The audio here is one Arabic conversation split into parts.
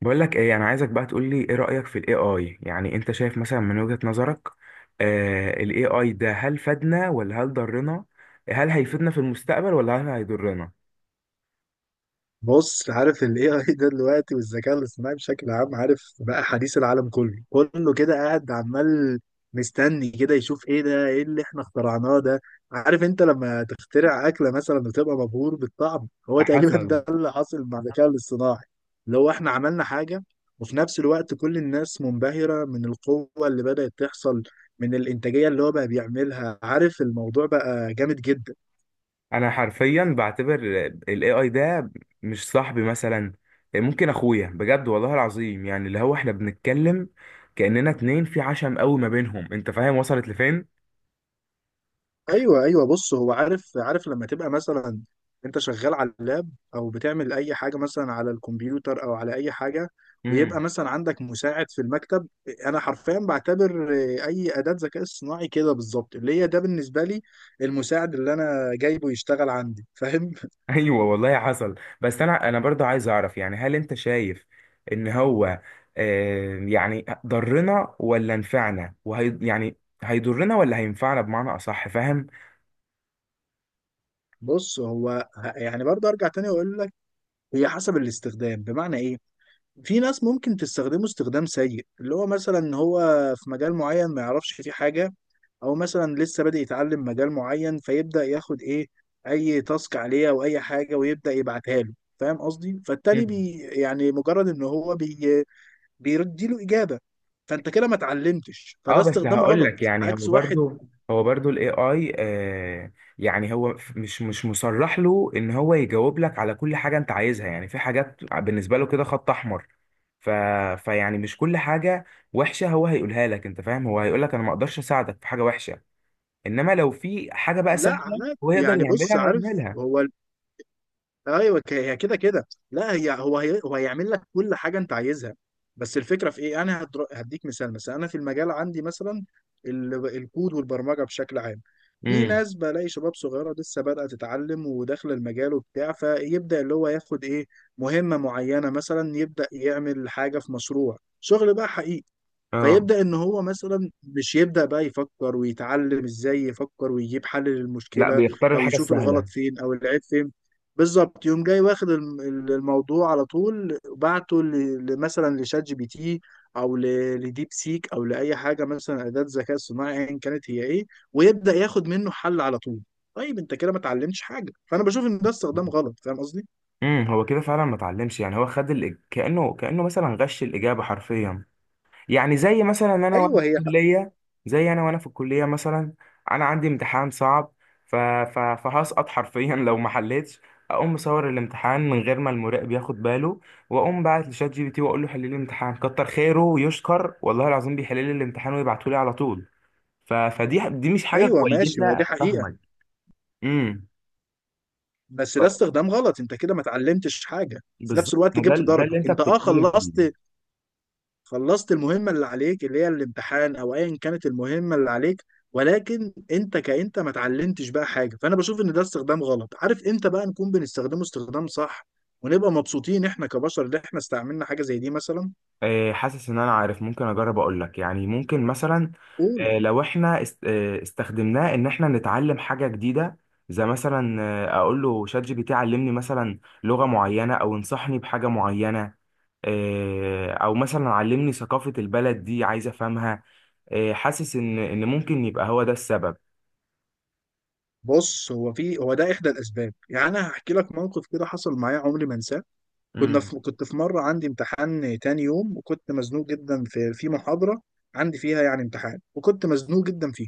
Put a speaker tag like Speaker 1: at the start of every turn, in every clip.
Speaker 1: بقول لك ايه، انا عايزك بقى تقول لي ايه رأيك في الاي اي. يعني انت شايف مثلا من وجهة نظرك آه الاي اي ده هل فادنا ولا هل ضرنا؟ هل هيفيدنا في المستقبل ولا هل هيضرنا؟
Speaker 2: بص، عارف ال AI ده دلوقتي والذكاء الاصطناعي بشكل عام، عارف بقى حديث العالم كله كله كده قاعد عمال مستني كده يشوف ايه ده، ايه اللي احنا اخترعناه ده. عارف انت لما تخترع اكلة مثلا وتبقى مبهور بالطعم، هو
Speaker 1: على
Speaker 2: تقريبا
Speaker 1: حسب.
Speaker 2: ده اللي حاصل مع الذكاء الاصطناعي، اللي هو احنا عملنا حاجة. وفي نفس الوقت كل الناس منبهرة من القوة اللي بدأت تحصل، من الإنتاجية اللي هو بقى بيعملها. عارف الموضوع بقى جامد جدا.
Speaker 1: انا حرفيا بعتبر الاي اي ده مش صاحبي، مثلا ممكن اخويا بجد والله العظيم. يعني اللي هو احنا بنتكلم كأننا اتنين في عشم قوي ما بينهم، انت فاهم وصلت
Speaker 2: ايوه، ايوه، بص هو عارف لما تبقى مثلا انت شغال على اللاب، او بتعمل اي حاجه مثلا على الكمبيوتر او على اي حاجه، ويبقى
Speaker 1: لفين؟
Speaker 2: مثلا عندك مساعد في المكتب. انا حرفيا بعتبر اي اداه ذكاء اصطناعي كده بالظبط، اللي هي ده بالنسبه لي المساعد اللي انا جايبه يشتغل عندي فاهم.
Speaker 1: ايوه والله حصل. بس انا برضه عايز اعرف، يعني هل انت شايف ان هو يعني ضرنا ولا نفعنا، وهي يعني هيضرنا ولا هينفعنا بمعنى اصح، فاهم؟
Speaker 2: بص هو يعني برضه ارجع تاني واقول لك، هي حسب الاستخدام. بمعنى ايه؟ في ناس ممكن تستخدمه استخدام سيء، اللي هو مثلا هو في مجال معين ما يعرفش فيه حاجه، او مثلا لسه بادئ يتعلم مجال معين، فيبدا ياخد ايه؟ اي تاسك عليه او اي حاجه ويبدا يبعتها له. فاهم قصدي؟ فالتاني
Speaker 1: مم.
Speaker 2: بي، يعني مجرد ان هو بي بيردي له اجابه، فانت كده ما اتعلمتش،
Speaker 1: اه،
Speaker 2: فده
Speaker 1: بس
Speaker 2: استخدام
Speaker 1: هقول لك
Speaker 2: غلط.
Speaker 1: يعني هو
Speaker 2: عكس واحد
Speaker 1: برضه، هو برضه الاي اي يعني هو مش مصرح له ان هو يجاوب لك على كل حاجه انت عايزها. يعني في حاجات بالنسبه له كده خط احمر، ف... فيعني مش كل حاجه وحشه هو هيقولها لك، انت فاهم؟ هو هيقول لك انا ما اقدرش اساعدك في حاجه وحشه، انما لو في حاجه بقى
Speaker 2: لا
Speaker 1: سهله
Speaker 2: عادي.
Speaker 1: هو يقدر
Speaker 2: يعني بص،
Speaker 1: يعملها
Speaker 2: عارف
Speaker 1: هيعملها.
Speaker 2: هو، ايوه، هي كده كده، لا هي هو هي هو هيعمل لك كل حاجه انت عايزها. بس الفكره في ايه؟ انا هديك مثال. مثلا انا في المجال عندي مثلا الكود والبرمجه بشكل عام، في
Speaker 1: امم.
Speaker 2: ناس، بلاقي شباب صغيره لسه بادئه تتعلم وداخله المجال وبتاع، فيبدا اللي هو ياخد ايه؟ مهمه معينه، مثلا يبدا يعمل حاجه في مشروع شغل بقى حقيقي،
Speaker 1: اه،
Speaker 2: فيبدأ إن هو مثلا مش يبدأ بقى يفكر ويتعلم إزاي يفكر ويجيب حل
Speaker 1: لا
Speaker 2: للمشكلة،
Speaker 1: بيختار
Speaker 2: أو
Speaker 1: الحاجه
Speaker 2: يشوف
Speaker 1: السهله.
Speaker 2: الغلط فين أو العيب فين. بالظبط، يوم جاي واخد الموضوع على طول، بعته مثلا لشات جي بي تي، أو لديب سيك، أو لأي حاجة مثلا، أداة ذكاء صناعي أيا كانت هي إيه، ويبدأ ياخد منه حل على طول. طيب انت كده ما اتعلمتش حاجه، فانا بشوف ان ده استخدام غلط. فاهم قصدي؟
Speaker 1: امم، هو كده فعلا ما اتعلمش. يعني هو خد كانه، كانه مثلا غش الاجابه حرفيا. يعني زي مثلا انا وانا
Speaker 2: ايوه
Speaker 1: في
Speaker 2: هي.
Speaker 1: الكليه، زي انا وانا في الكليه مثلا. انا عندي امتحان صعب، فهسقط حرفيا لو ما حلتش. اقوم مصور الامتحان من غير ما المراقب ياخد باله، واقوم باعت لشات جي بي تي واقول له حل لي الامتحان، كتر خيره ويشكر والله العظيم بيحل لي الامتحان ويبعته لي على طول. فدي مش حاجه
Speaker 2: ايوه
Speaker 1: كويسه،
Speaker 2: ماشي، هو دي
Speaker 1: انا
Speaker 2: حقيقه.
Speaker 1: فاهمك. امم.
Speaker 2: بس ده استخدام غلط، انت كده ما اتعلمتش حاجه، في
Speaker 1: بالظبط،
Speaker 2: نفس الوقت
Speaker 1: ما ده
Speaker 2: جبت
Speaker 1: ده اللي
Speaker 2: درجه،
Speaker 1: انت
Speaker 2: انت اه
Speaker 1: بتتكلم فيه.
Speaker 2: خلصت. خلصت المهمه اللي عليك، اللي هي الامتحان او ايا كانت المهمه اللي عليك، ولكن انت كانت ما اتعلمتش بقى حاجه. فانا بشوف ان ده استخدام غلط. عارف امتى بقى نكون بنستخدمه استخدام صح ونبقى مبسوطين احنا كبشر ان احنا استعملنا حاجه زي دي مثلا؟
Speaker 1: حاسس ان انا عارف، ممكن اجرب اقول لك يعني، ممكن مثلا
Speaker 2: قول.
Speaker 1: لو احنا استخدمناه ان احنا نتعلم حاجه جديده. زي مثلا اقول له شات جي بي تي علمني مثلا لغه معينه، او انصحني بحاجه معينه، او مثلا علمني ثقافه البلد دي عايز افهمها. حاسس ان ان ممكن يبقى هو ده السبب.
Speaker 2: بص هو في، هو ده احدى الاسباب. يعني انا هحكي لك موقف كده حصل معايا عمري ما انساه. كنا
Speaker 1: امم.
Speaker 2: في كنت في مرة عندي امتحان تاني يوم، وكنت مزنوق جدا في محاضرة عندي فيها يعني امتحان، وكنت مزنوق جدا فيه.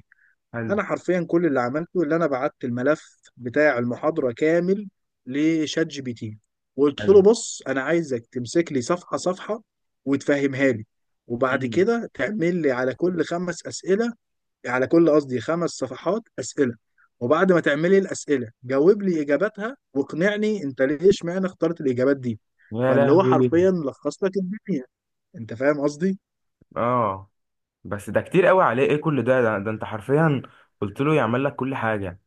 Speaker 1: حلو.
Speaker 2: أنا حرفيا كل اللي عملته، اللي أنا بعت الملف بتاع المحاضرة كامل لشات جي بي تي، وقلت له بص أنا عايزك تمسك لي صفحة صفحة وتفهمها لي، وبعد
Speaker 1: حلو.
Speaker 2: كده تعمل لي على كل خمس أسئلة، على كل قصدي خمس صفحات اسئله، وبعد ما تعملي الاسئله جاوب لي اجاباتها، واقنعني انت ليه اشمعنى اخترت الاجابات دي.
Speaker 1: يا
Speaker 2: فاللي هو
Speaker 1: لهوي.
Speaker 2: حرفيا لخص لك الدنيا. انت فاهم قصدي؟
Speaker 1: اه، بس ده كتير قوي عليه، ايه كل ده؟ ده انت حرفيا قلت له يعمل لك كل حاجه.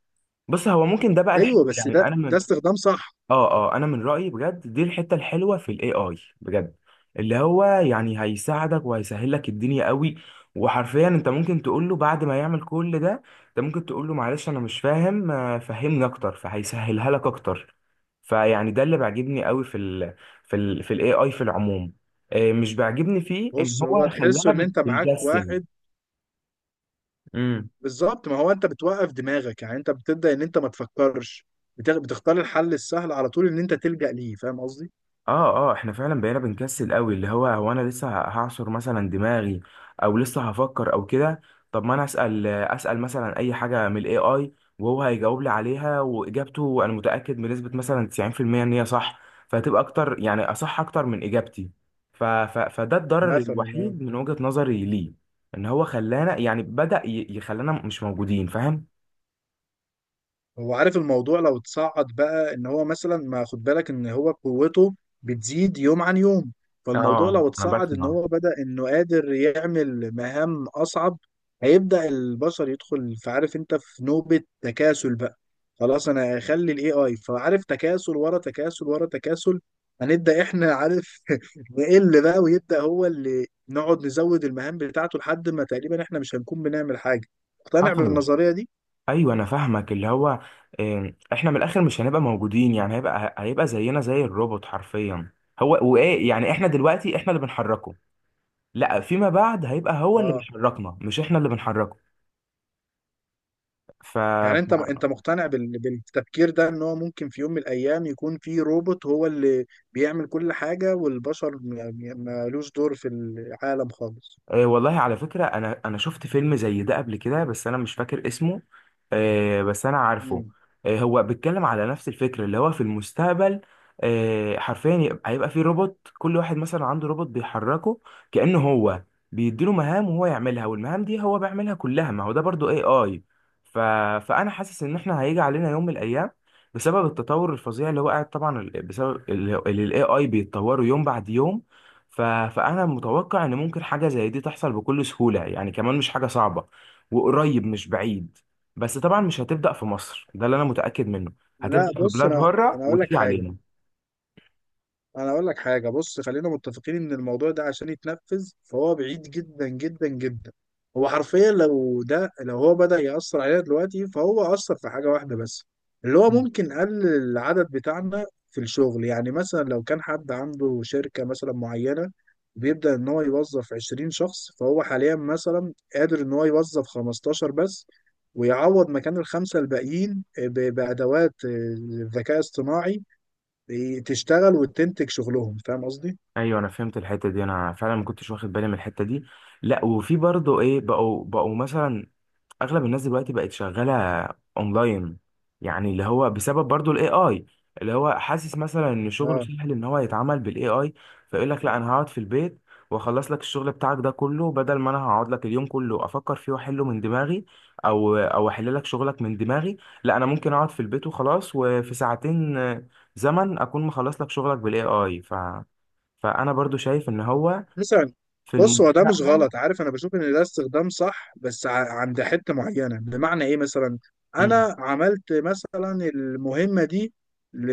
Speaker 1: بص، هو ممكن ده بقى الحلو،
Speaker 2: ايوه بس
Speaker 1: يعني
Speaker 2: ده
Speaker 1: انا من،
Speaker 2: ده استخدام صح.
Speaker 1: اه اه، انا من رايي بجد دي الحته الحلوه في الاي اي بجد. اللي هو يعني هيساعدك وهيسهل لك الدنيا قوي. وحرفيا انت ممكن تقول له بعد ما يعمل كل ده، انت ممكن تقول له معلش انا مش فاهم، فهمني اكتر، فهيسهلها لك اكتر. فيعني ده اللي بيعجبني قوي في الاي اي في العموم. مش بيعجبني فيه ان
Speaker 2: بص هو
Speaker 1: هو
Speaker 2: تحسه
Speaker 1: خلانا
Speaker 2: ان انت معاك
Speaker 1: بنكسل.
Speaker 2: واحد بالظبط. ما هو انت بتوقف دماغك، يعني انت بتبدا ان انت ما تفكرش، بتختار الحل السهل على طول ان انت تلجأ ليه. فاهم قصدي؟
Speaker 1: اه اه، احنا فعلا بقينا بنكسل قوي. اللي هو هو انا لسه هعصر مثلا دماغي، او لسه هفكر او كده. طب ما انا اسال، اسال مثلا اي حاجه من الاي اي، وهو هيجاوب لي عليها، واجابته انا متاكد بنسبه مثلا 90% ان هي صح. فهتبقى اكتر يعني اصح اكتر من اجابتي. ف ف فده الضرر
Speaker 2: مثلا يعني.
Speaker 1: الوحيد من وجهه نظري ليه، ان هو خلانا يعني بدا يخلانا مش موجودين، فاهم؟
Speaker 2: هو عارف، الموضوع لو اتصعد بقى ان هو مثلا، ما خد بالك ان هو قوته بتزيد يوم عن يوم، فالموضوع
Speaker 1: اه
Speaker 2: لو
Speaker 1: انا
Speaker 2: اتصعد ان
Speaker 1: بسمع.
Speaker 2: هو بدأ انه قادر يعمل مهام اصعب، هيبدأ البشر يدخل في، عارف انت، في نوبة تكاسل بقى. خلاص انا هخلي الاي اي، فعارف تكاسل ورا تكاسل ورا تكاسل، هنبدأ احنا عارف نقل بقى، ويبدأ هو اللي نقعد نزود المهام بتاعته لحد ما تقريبا احنا مش هنكون بنعمل حاجة. مقتنع
Speaker 1: حصل.
Speaker 2: بالنظرية دي؟
Speaker 1: ايوه انا فاهمك، اللي هو احنا من الاخر مش هنبقى موجودين. يعني هيبقى، هيبقى زينا زي الروبوت حرفيا. هو وايه؟ يعني احنا دلوقتي احنا اللي بنحركه، لا فيما بعد هيبقى هو اللي
Speaker 2: اه.
Speaker 1: بيحركنا مش احنا اللي بنحركه. ف،
Speaker 2: يعني انت مقتنع بالتفكير ده ان هو ممكن في يوم من الايام يكون في روبوت هو اللي بيعمل كل حاجة، والبشر مالوش دور في العالم خالص؟
Speaker 1: آه والله على فكرة أنا شفت فيلم زي ده قبل كده بس أنا مش فاكر اسمه، آه بس أنا عارفه.
Speaker 2: مم.
Speaker 1: آه، هو بيتكلم على نفس الفكرة، اللي هو في المستقبل آه حرفيا هيبقى فيه روبوت، كل واحد مثلا عنده روبوت بيحركه كأنه هو بيديله مهام وهو يعملها، والمهام دي هو بيعملها كلها، ما هو ده برضو اي اي. ف... فأنا حاسس إن إحنا هيجي علينا يوم من الأيام بسبب التطور الفظيع اللي هو قاعد، طبعا بسبب اللي الاي اي بيتطوروا يوم بعد يوم. ف... فانا متوقع ان ممكن حاجه زي دي تحصل بكل سهوله يعني، كمان مش حاجه صعبه وقريب مش بعيد. بس طبعا مش هتبدا في مصر، ده اللي انا متاكد منه، هتبدا
Speaker 2: لا
Speaker 1: في
Speaker 2: بص
Speaker 1: بلاد
Speaker 2: انا،
Speaker 1: بره
Speaker 2: انا اقول لك
Speaker 1: وتيجي
Speaker 2: حاجة.
Speaker 1: علينا.
Speaker 2: انا اقول لك حاجه، بص خلينا متفقين ان الموضوع ده عشان يتنفذ فهو بعيد جدا جدا جدا. هو حرفيا لو ده، لو هو بدأ يأثر علينا دلوقتي، فهو أثر في حاجه واحده بس، اللي هو
Speaker 1: مم.
Speaker 2: ممكن قلل العدد بتاعنا في الشغل. يعني مثلا لو كان حد عنده شركه مثلا معينه بيبدأ ان هو يوظف 20 شخص، فهو حاليا مثلا قادر ان هو يوظف 15 بس، ويعوض مكان الخمسه الباقيين بأدوات ذكاء اصطناعي تشتغل وتنتج شغلهم. فاهم قصدي؟
Speaker 1: ايوه انا فهمت الحته دي، انا فعلا ما كنتش واخد بالي من الحته دي. لا، وفي برضه ايه، بقوا مثلا اغلب الناس دلوقتي بقت شغاله اونلاين. يعني اللي هو بسبب برضو الاي اي، اللي هو حاسس مثلا ان شغله
Speaker 2: اه
Speaker 1: سهل ان هو يتعمل بالاي اي، فيقول لك لا انا هقعد في البيت واخلص لك الشغل بتاعك ده كله، بدل ما انا هقعد لك اليوم كله افكر فيه واحله من دماغي، او احل لك شغلك من دماغي، لا انا ممكن اقعد في البيت وخلاص، وفي ساعتين زمن اكون مخلص لك شغلك بالاي اي. فانا برضو شايف ان هو
Speaker 2: مثلا.
Speaker 1: في
Speaker 2: بص هو ده مش
Speaker 1: المستقبل.
Speaker 2: غلط، عارف انا بشوف ان ده استخدام صح بس عند حته معينه. بمعنى ايه؟ مثلا
Speaker 1: مم.
Speaker 2: انا عملت مثلا المهمه دي ل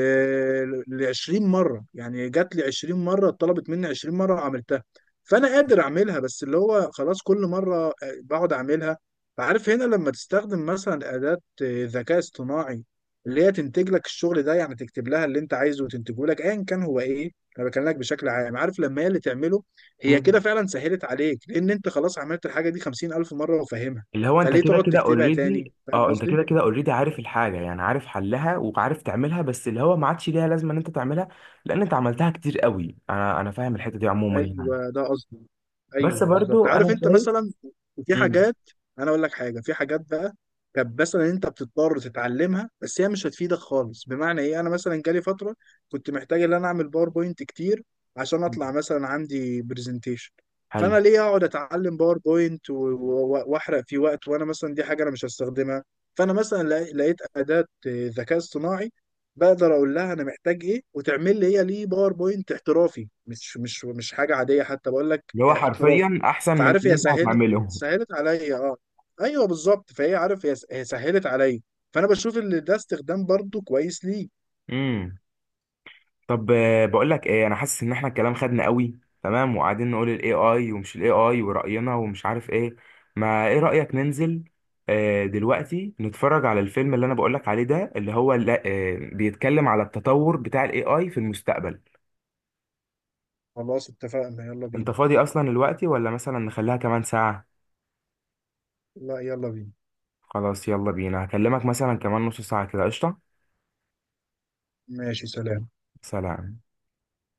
Speaker 2: ل 20 مره، يعني جات لي 20 مره، اتطلبت مني 20 مره وعملتها، فانا قادر اعملها. بس اللي هو خلاص كل مره بقعد اعملها. فعارف هنا لما تستخدم مثلا اداه ذكاء اصطناعي اللي هي تنتج لك الشغل ده، يعني تكتب لها اللي انت عايزه وتنتجه لك، ايا كان هو ايه، انا بكلمك بشكل عام. عارف لما هي اللي تعمله، هي كده
Speaker 1: مم.
Speaker 2: فعلا سهلت عليك، لان انت خلاص عملت الحاجه دي 50,000 مره وفاهمها،
Speaker 1: اللي هو انت
Speaker 2: فليه
Speaker 1: كده
Speaker 2: تقعد
Speaker 1: كده
Speaker 2: تكتبها تاني؟
Speaker 1: اوريدي،
Speaker 2: فاهم
Speaker 1: اه انت
Speaker 2: قصدي؟
Speaker 1: كده كده اوريدي، عارف الحاجه يعني، عارف حلها وعارف تعملها، بس اللي هو ما عادش ليها لازمه ان انت تعملها، لان انت عملتها كتير قوي. انا فاهم الحته دي عموما يعني.
Speaker 2: ايوه ده قصدي.
Speaker 1: بس
Speaker 2: ايوه بالظبط،
Speaker 1: برضو
Speaker 2: عارف
Speaker 1: انا
Speaker 2: انت
Speaker 1: شايف.
Speaker 2: مثلا في
Speaker 1: مم.
Speaker 2: حاجات، انا اقول لك حاجه، في حاجات بقى كانت مثلا انت بتضطر تتعلمها بس هي مش هتفيدك خالص. بمعنى ايه؟ انا مثلا جالي فتره كنت محتاج ان انا اعمل باوربوينت كتير عشان اطلع مثلا عندي برزنتيشن، فانا
Speaker 1: حلو.
Speaker 2: ليه اقعد اتعلم باوربوينت واحرق في وقت وانا مثلا دي حاجه انا مش هستخدمها؟ فانا مثلا لقيت اداه ذكاء اصطناعي بقدر اقول لها انا محتاج ايه وتعمل لي هي ليه باوربوينت احترافي، مش مش مش حاجه عاديه، حتى بقول لك
Speaker 1: اللي هو
Speaker 2: احترافي.
Speaker 1: حرفيا احسن من
Speaker 2: فعارف
Speaker 1: اللي
Speaker 2: هي
Speaker 1: انت
Speaker 2: سهلت
Speaker 1: هتعمله.
Speaker 2: سهلت عليا اه. ايوه بالظبط، فهي عارف هي هي سهلت عليا، فانا بشوف ان ده استخدام برضو كويس ليه.
Speaker 1: امم. طب بقول لك ايه، انا حاسس ان احنا الكلام خدنا قوي تمام، وقاعدين نقول الاي اي ومش الاي اي ورأينا ومش عارف ايه، ما ايه رأيك ننزل دلوقتي نتفرج على الفيلم اللي انا بقول لك عليه ده، اللي هو لا بيتكلم على التطور بتاع الاي اي في المستقبل.
Speaker 2: خلاص اتفقنا، يلا
Speaker 1: انت
Speaker 2: بينا.
Speaker 1: فاضي اصلا دلوقتي ولا مثلا نخليها كمان ساعة؟
Speaker 2: لا يلا بينا.
Speaker 1: خلاص يلا بينا، هكلمك مثلا كمان نص ساعة كده، قشطة.
Speaker 2: ماشي سلام.
Speaker 1: سلام.